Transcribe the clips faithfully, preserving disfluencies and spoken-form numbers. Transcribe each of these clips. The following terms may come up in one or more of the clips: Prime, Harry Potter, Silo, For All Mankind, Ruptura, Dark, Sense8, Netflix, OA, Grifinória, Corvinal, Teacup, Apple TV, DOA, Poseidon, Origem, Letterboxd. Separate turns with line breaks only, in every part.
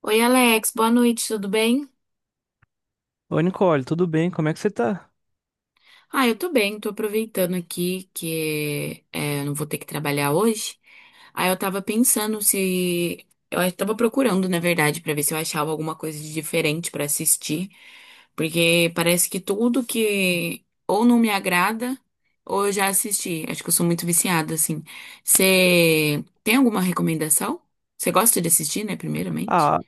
Oi, Alex, boa noite, tudo bem?
Oi, Nicole, tudo bem? Como é que você tá?
Ah, eu tô bem, tô aproveitando aqui que é, eu não vou ter que trabalhar hoje. Aí eu tava pensando se. Eu tava procurando, na verdade, pra ver se eu achava alguma coisa de diferente pra assistir. Porque parece que tudo que ou não me agrada ou eu já assisti. Acho que eu sou muito viciada, assim. Você tem alguma recomendação? Você gosta de assistir, né, primeiramente?
Ah,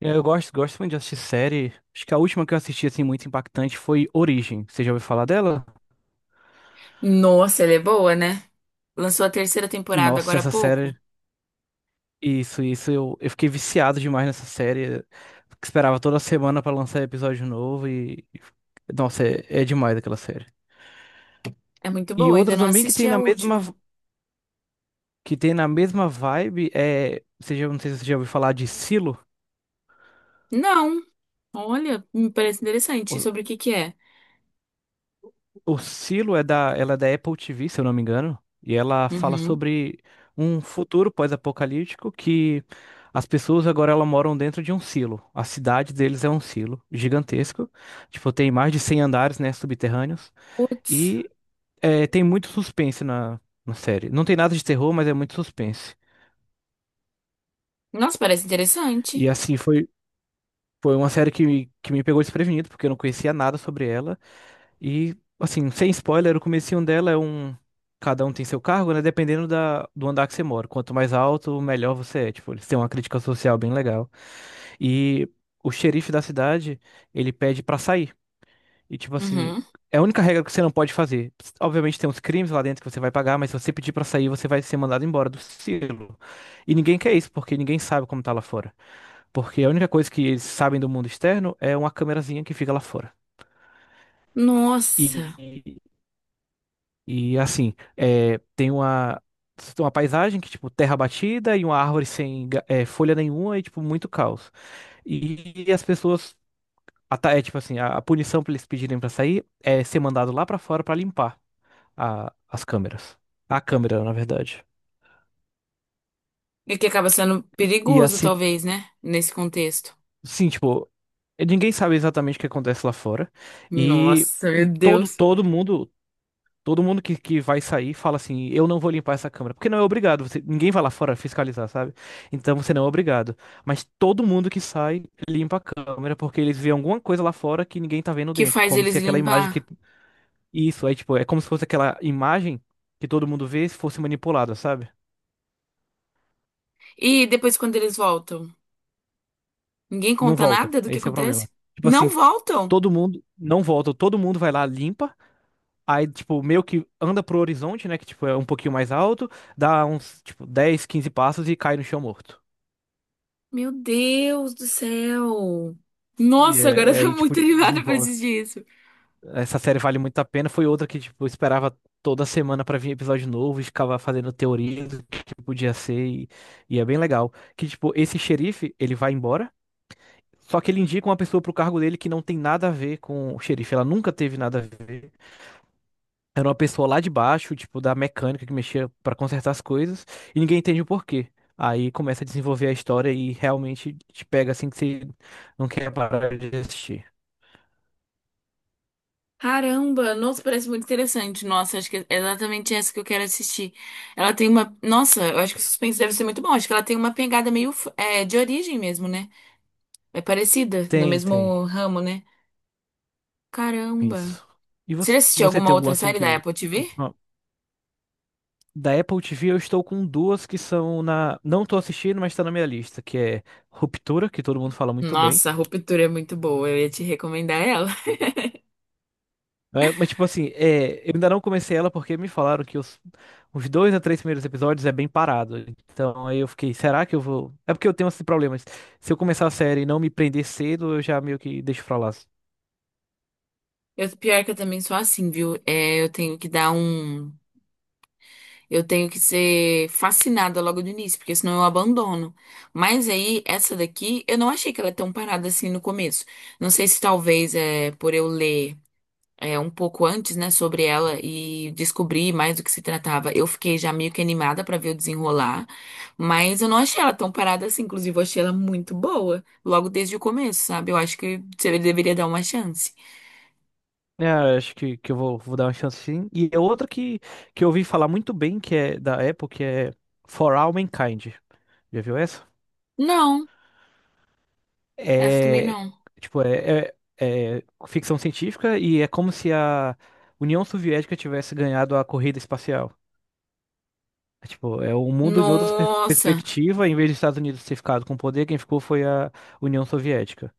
eu gosto, gosto muito de assistir série. Acho que a última que eu assisti, assim, muito impactante foi Origem. Você já ouviu falar dela?
Nossa, ela é boa, né? Lançou a terceira temporada
Nossa,
agora há
essa série.
pouco.
Isso, isso. Eu, eu fiquei viciado demais nessa série. Esperava toda semana pra lançar episódio novo e. Nossa, é, é demais aquela série.
É muito
E
boa, ainda
outra
não
também que
assisti
tem
a
na mesma,
última.
que tem na mesma vibe é. Você já, não sei se você já ouviu falar de Silo.
Não, olha, me parece interessante. Sobre o que que é?
O Silo é da, ela é da Apple T V, se eu não me engano, e ela fala
Uhum.
sobre um futuro pós-apocalíptico que as pessoas agora elas moram dentro de um silo. A cidade deles é um silo gigantesco, tipo, tem mais de cem andares, né, subterrâneos,
Putz.
e é, tem muito suspense na, na série. Não tem nada de terror, mas é muito suspense.
Nossa, parece
E
interessante.
assim, foi, foi uma série que, me- que me pegou desprevenido, porque eu não conhecia nada sobre ela. E, assim, sem spoiler, o comecinho dela é um. Cada um tem seu cargo, né? Dependendo da... do andar que você mora. Quanto mais alto, melhor você é. Tipo, eles têm uma crítica social bem legal. E o xerife da cidade, ele pede pra sair. E, tipo assim,
Uhum.
é a única regra que você não pode fazer. Obviamente tem uns crimes lá dentro que você vai pagar, mas se você pedir pra sair, você vai ser mandado embora do silo. E ninguém quer isso, porque ninguém sabe como tá lá fora. Porque a única coisa que eles sabem do mundo externo é uma câmerazinha que fica lá fora.
Nossa.
E E assim, é, tem uma, tem uma paisagem que, tipo, terra batida e uma árvore sem ga- é, folha nenhuma e, tipo, muito caos. E, as pessoas, a ta- é tipo assim, a, a punição pra eles pedirem pra sair é ser mandado lá pra fora pra limpar a- as câmeras. A câmera, na verdade.
E que acaba sendo
E
perigoso,
assim,
talvez, né? Nesse contexto.
sim, tipo, ninguém sabe exatamente o que acontece lá fora. E
Nossa,
hum,
meu
todo,
Deus.
todo mundo. Todo mundo que, que vai sair fala assim: eu não vou limpar essa câmera. Porque não é obrigado, você- ninguém vai lá fora fiscalizar, sabe? Então você não é obrigado. Mas todo mundo que sai limpa a câmera porque eles vêem alguma coisa lá fora que ninguém tá vendo
Que
dentro.
faz
Como
eles
se aquela imagem que.
limpar.
Isso, é tipo, é como se fosse aquela imagem que todo mundo vê se fosse manipulada, sabe?
E depois, quando eles voltam? Ninguém
Não
conta
volta.
nada do que
Esse é o
acontece?
problema. Tipo
Não
assim,
voltam?
todo mundo não volta, todo mundo vai lá, limpa. Aí, tipo, meio que anda pro horizonte, né? Que, tipo, é um pouquinho mais alto, dá uns, tipo, dez, quinze passos e cai no chão morto.
Meu Deus do céu.
E
Nossa, agora eu
é-
tô
aí, tipo,
muito animada pra
desenvolve.
assistir isso.
Essa série vale muito a pena. Foi outra que, tipo, eu esperava toda semana pra vir episódio novo e ficava fazendo teoria do que podia ser. E, e é bem legal. Que, tipo, esse xerife, ele vai embora, só que ele indica uma pessoa pro cargo dele que não tem nada a ver com o xerife. Ela nunca teve nada a ver. Era uma pessoa lá de baixo, tipo, da mecânica que mexia pra consertar as coisas. E ninguém entende o porquê. Aí começa a desenvolver a história e realmente te pega assim que você não quer parar de assistir.
Caramba, nossa, parece muito interessante. Nossa, acho que é exatamente essa que eu quero assistir. Ela tem uma. Nossa, eu acho que o suspense deve ser muito bom. Acho que ela tem uma pegada meio f- é, de origem mesmo, né? É parecida, no
Tem, tem.
mesmo ramo, né? Caramba.
Isso. E
Você já
você,
assistiu
você
alguma
tem algum
outra
assim
série da
que.
Apple T V?
última- Da Apple T V eu estou com duas que são na. Não tô assistindo, mas tá na minha lista, que é Ruptura, que todo mundo fala muito bem.
Nossa, a Ruptura é muito boa. Eu ia te recomendar ela.
É, mas tipo assim, é, eu ainda não comecei ela porque me falaram que os, os dois a três primeiros episódios é bem parado. Então aí eu fiquei, será que eu vou? É porque eu tenho esses problemas. Se eu começar a série e não me prender cedo, eu já meio que deixo pra lá.
Eu, pior que eu também sou assim, viu? É, eu tenho que dar um. Eu tenho que ser fascinada logo do início, porque senão eu abandono. Mas aí, essa daqui, eu não achei que ela é tão parada assim no começo. Não sei se talvez é por eu ler é, um pouco antes, né, sobre ela e descobrir mais do que se tratava. Eu fiquei já meio que animada pra ver o desenrolar, mas eu não achei ela tão parada assim. Inclusive, eu achei ela muito boa, logo desde o começo, sabe? Eu acho que você deveria dar uma chance.
É, acho que, que eu vou, vou dar uma chance sim. E é outra que, que eu ouvi falar muito bem, que é da Apple, que é For All Mankind. Já viu essa?
Não, essa também
É,
não.
tipo, é, é, é ficção científica e é como se a União Soviética tivesse ganhado a corrida espacial. É, tipo, é o mundo em outra per
Nossa!
perspectiva, em vez dos Estados Unidos ter ficado com o poder, quem ficou foi a União Soviética.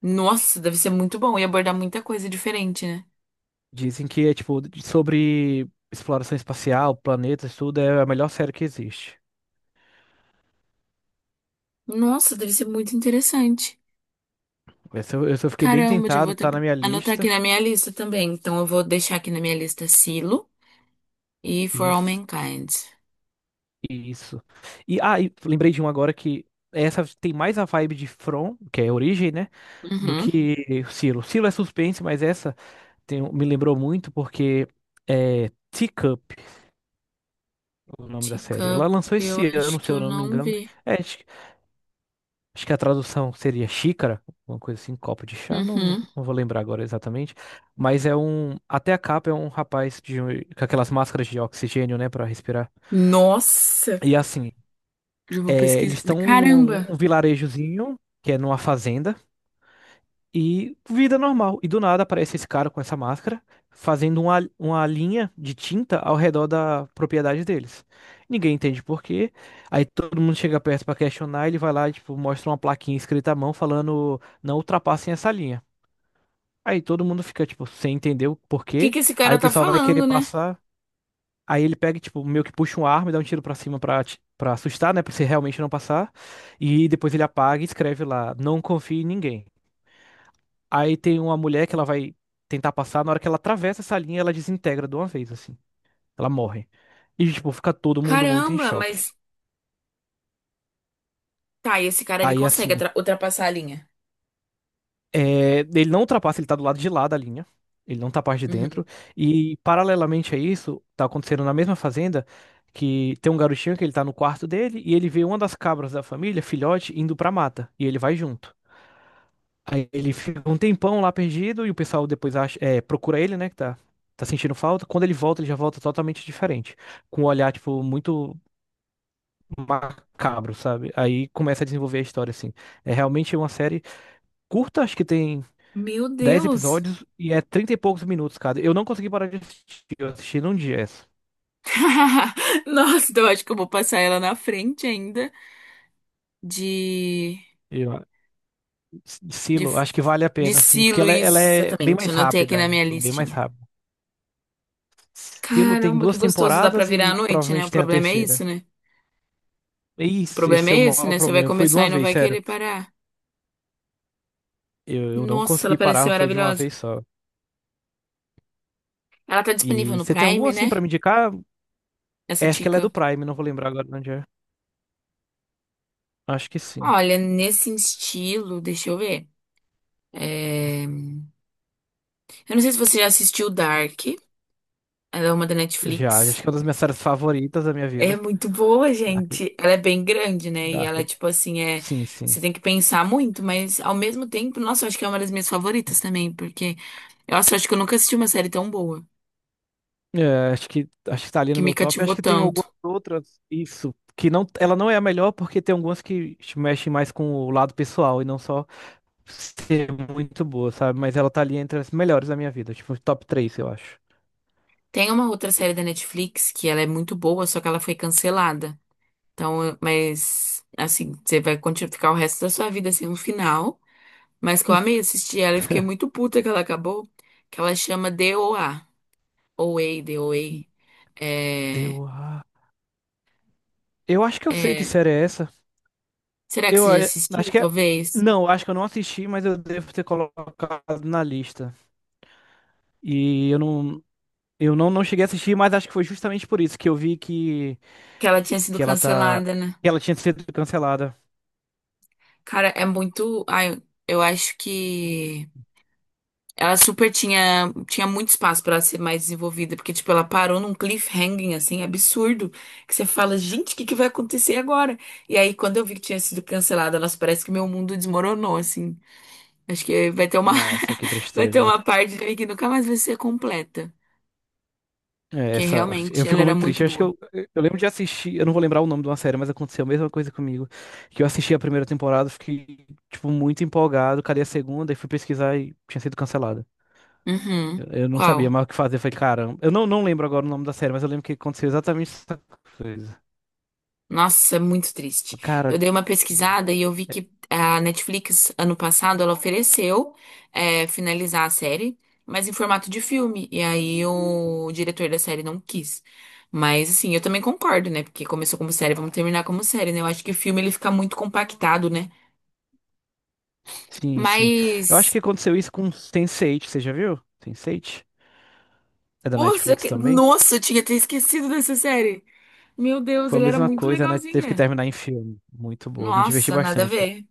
Nossa, deve ser muito bom e abordar muita coisa diferente, né?
Dizem que é, tipo, de- sobre exploração espacial, planetas, tudo, é a melhor série que existe.
Nossa, deve ser muito interessante.
Essa, eu essa eu fiquei bem
Caramba, já vou
tentado,
até
tá na minha
anotar aqui
lista.
na minha lista também. Então eu vou deixar aqui na minha lista Silo e For
E,
All
f-
Mankind.
e isso. E, ah, e lembrei de um agora que essa tem mais a vibe de From, que é Origem, né? Do
Uhum.
que Silo. Silo é suspense, mas essa tem- um- me lembrou muito porque é Teacup, o nome da série.
Teacup,
Ela lançou
eu
esse ano,
acho que
se
eu
eu não me
não
engano.
vi.
É, acho, que acho que a tradução seria xícara, uma coisa assim, copo de chá, não, não
Uhum.
não vou lembrar agora exatamente. Mas é um. Até a capa é um rapaz de, com aquelas máscaras de oxigênio, né, pra respirar.
Nossa,
E assim,
já vou
é,
pesquisar.
eles estão em um,
Caramba,
um um vilarejozinho, que é numa fazenda, e vida normal. E do nada aparece esse cara com essa máscara, fazendo uma, uma linha de tinta ao redor da propriedade deles. Ninguém entende por quê. Aí todo mundo chega perto pra questionar, ele vai lá, tipo, mostra uma plaquinha escrita à mão falando, não ultrapassem essa linha. Aí todo mundo fica, tipo, sem entender o
o que
porquê.
que esse
Aí
cara
o
tá
pessoal vai querer
falando, né?
passar. Aí ele pega, e, tipo, meio que puxa um arma e dá um tiro pra cima pra, ati- pra assustar, né? Pra você realmente não passar. E depois ele apaga e escreve lá, não confie em ninguém. Aí tem uma mulher que ela vai tentar passar, na hora que ela atravessa essa linha, ela desintegra de uma vez, assim. Ela morre. E, tipo, fica todo mundo muito em
Caramba,
choque.
mas tá, e esse cara ele
Aí,
consegue
assim,
atra- ultrapassar a linha?
É, ele não ultrapassa, ele tá do lado de lá da linha. Ele não tá parte de dentro.
Uhum.
E, paralelamente a isso, tá acontecendo na mesma fazenda que tem um garotinho que ele tá no quarto dele e ele vê uma das cabras da família, filhote, indo pra mata. E ele vai junto. Aí ele fica um tempão lá perdido e o pessoal depois acha, é, procura ele, né, que tá, tá sentindo falta. Quando ele volta, ele já volta totalmente diferente. Com um olhar, tipo, muito macabro, sabe? Aí começa a desenvolver a história, assim. É realmente uma série curta, acho que tem
Meu
dez
Deus.
episódios e é trinta e poucos minutos cada. Eu não consegui parar de assistir, eu assisti num dia essa.
Nossa, então eu acho que eu vou passar ela na frente ainda de
Eu,
de
Silo, acho que vale a
de
pena, sim,
si,
porque ela, é
Luiz.
ela é bem
Exatamente,
mais
anotei aqui
rápida.
na minha
Ela é bem mais
listinha.
rápida. Silo tem
Caramba, que
duas
gostoso, dá pra
temporadas
virar
e
à noite, né? O
provavelmente tem a
problema é isso,
terceira.
né?
É
O
isso,
problema
esse é
é
o
esse,
maior
né? Você vai
problema. Foi de
começar
uma
e não
vez,
vai
sério.
querer parar.
Eu, eu não
Nossa, ela
consegui
parece ser
parar, foi de uma
maravilhosa.
vez só.
Ela tá disponível
E
no
você tem algum
Prime,
assim
né?
pra me indicar?
Essa
É, acho que ela é do
dica.
Prime, não vou lembrar agora onde é. Acho que sim.
Olha, nesse estilo, deixa eu ver. É, Eu não sei se você já assistiu Dark. Ela é uma da
Já, acho
Netflix.
que é uma das minhas séries favoritas da minha
É
vida.
muito boa,
Dark,
gente. Ela é bem grande, né? E ela,
Dark.
tipo assim, é.
Sim, sim.
Você tem que pensar muito, mas ao mesmo tempo, nossa, eu acho que é uma das minhas favoritas também, porque nossa, eu acho que eu nunca assisti uma série tão boa,
É, acho que acho que tá ali
que
no
me
meu top.
cativou
Acho que tem algumas
tanto.
outras, isso, que não, ela não é a melhor porque tem algumas que mexem mais com o lado pessoal e não só ser muito boa, sabe? Mas ela tá ali entre as melhores da minha vida, tipo, top três eu acho.
Tem uma outra série da Netflix que ela é muito boa, só que ela foi cancelada. Então, eu- mas assim, você vai continuar ficar o resto da sua vida sem um final. Mas que eu amei assistir ela e fiquei muito puta que ela acabou, que ela chama D O A, O A, D O A. É,
Deu a... Eu acho que eu sei que
é
série é essa.
Será que
Eu
você já
é, acho
assistiu,
que é...
talvez?
Não, acho que eu não assisti, mas eu devo ter colocado na lista. E eu não eu não, não cheguei a assistir, mas acho que foi justamente por isso que eu vi que
Que ela tinha sido
que ela tá
cancelada, né?
que ela tinha sido cancelada.
Cara, é muito. Ai, eu acho que ela super tinha, tinha muito espaço pra ela ser mais desenvolvida, porque, tipo, ela parou num cliffhanging, assim, absurdo, que você fala, gente, o que que vai acontecer agora? E aí, quando eu vi que tinha sido cancelada, elas parece que meu mundo desmoronou, assim. Acho que vai ter uma,
Nossa, que
vai ter
tristeza.
uma parte de mim que nunca mais vai ser completa,
É,
porque
essa... Eu
realmente ela
fico
era
muito triste.
muito
Eu acho que
boa.
eu, eu lembro de assistir, eu não vou lembrar o nome de uma série, mas aconteceu a mesma coisa comigo. Que eu assisti a primeira temporada, fiquei, tipo, muito empolgado. Cadê a segunda? E fui pesquisar e tinha sido cancelada. Eu,
Uhum.
eu não sabia
Qual?
mais o que fazer. Eu falei, caramba. Eu não, não lembro agora o nome da série, mas eu lembro que aconteceu exatamente essa coisa.
Nossa, é muito triste. Eu
Cara,
dei uma pesquisada e eu vi
é-
que a Netflix, ano passado, ela ofereceu é, finalizar a série, mas em formato de filme. E aí o diretor da série não quis. Mas, assim, eu também concordo, né? Porque começou como série, vamos terminar como série, né? Eu acho que o filme ele fica muito compactado, né?
sim, sim. Eu acho
Mas.
que aconteceu isso com sense oito, você já viu? sense oito? É da
Nossa,
Netflix
que-
também?
nossa, eu tinha até esquecido dessa série. Meu Deus,
Foi a
ela era
mesma
muito
coisa, né? Teve que
legalzinha.
terminar em filme. Muito boa. Me diverti
Nossa, nada a
bastante.
ver.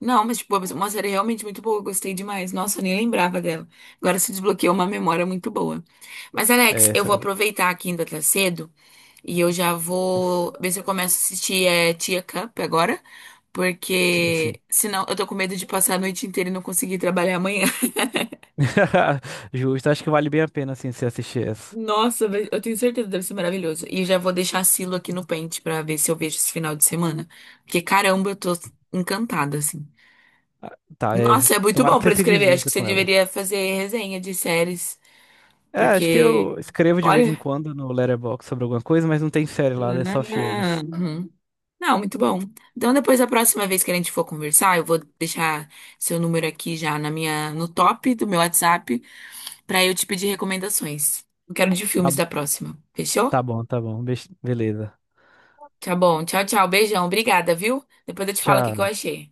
Não, mas tipo, uma série realmente muito boa, eu gostei demais. Nossa, eu nem lembrava dela. Agora se desbloqueou uma memória muito boa. Mas,
É
Alex, eu
essa,
vou aproveitar que ainda tá cedo e eu já vou ver se eu começo a assistir é, Tia Cup agora,
sim, sim.
porque senão eu tô com medo de passar a noite inteira e não conseguir trabalhar amanhã.
Justo, acho que vale bem a pena, assim, você assistir essa.
Nossa, vai- eu tenho certeza que deve ser maravilhoso. E já vou deixar a Silo aqui no pente pra ver se eu vejo esse final de semana. Porque, caramba, eu tô encantada, assim.
Ah, tá, é.
Nossa, é muito
Tomara
bom
que você
pra
se
escrever. Acho que
divirta
você
com ela.
deveria fazer resenha de séries.
É, acho que eu
Porque,
escrevo de vez em
olha.
quando no Letterboxd sobre alguma coisa, mas não tem série lá, é só
Ah,
filmes.
uhum. Não, muito bom. Então, depois, a próxima vez que a gente for conversar, eu vou deixar seu número aqui já na minha, no top do meu WhatsApp pra eu te pedir recomendações. Eu quero de
Tá,
filmes da próxima. Fechou?
tá bom, tá bom. Be- beleza.
Tá bom. Tchau, tchau. Beijão. Obrigada, viu? Depois eu te falo o que que eu
Tchau.
achei.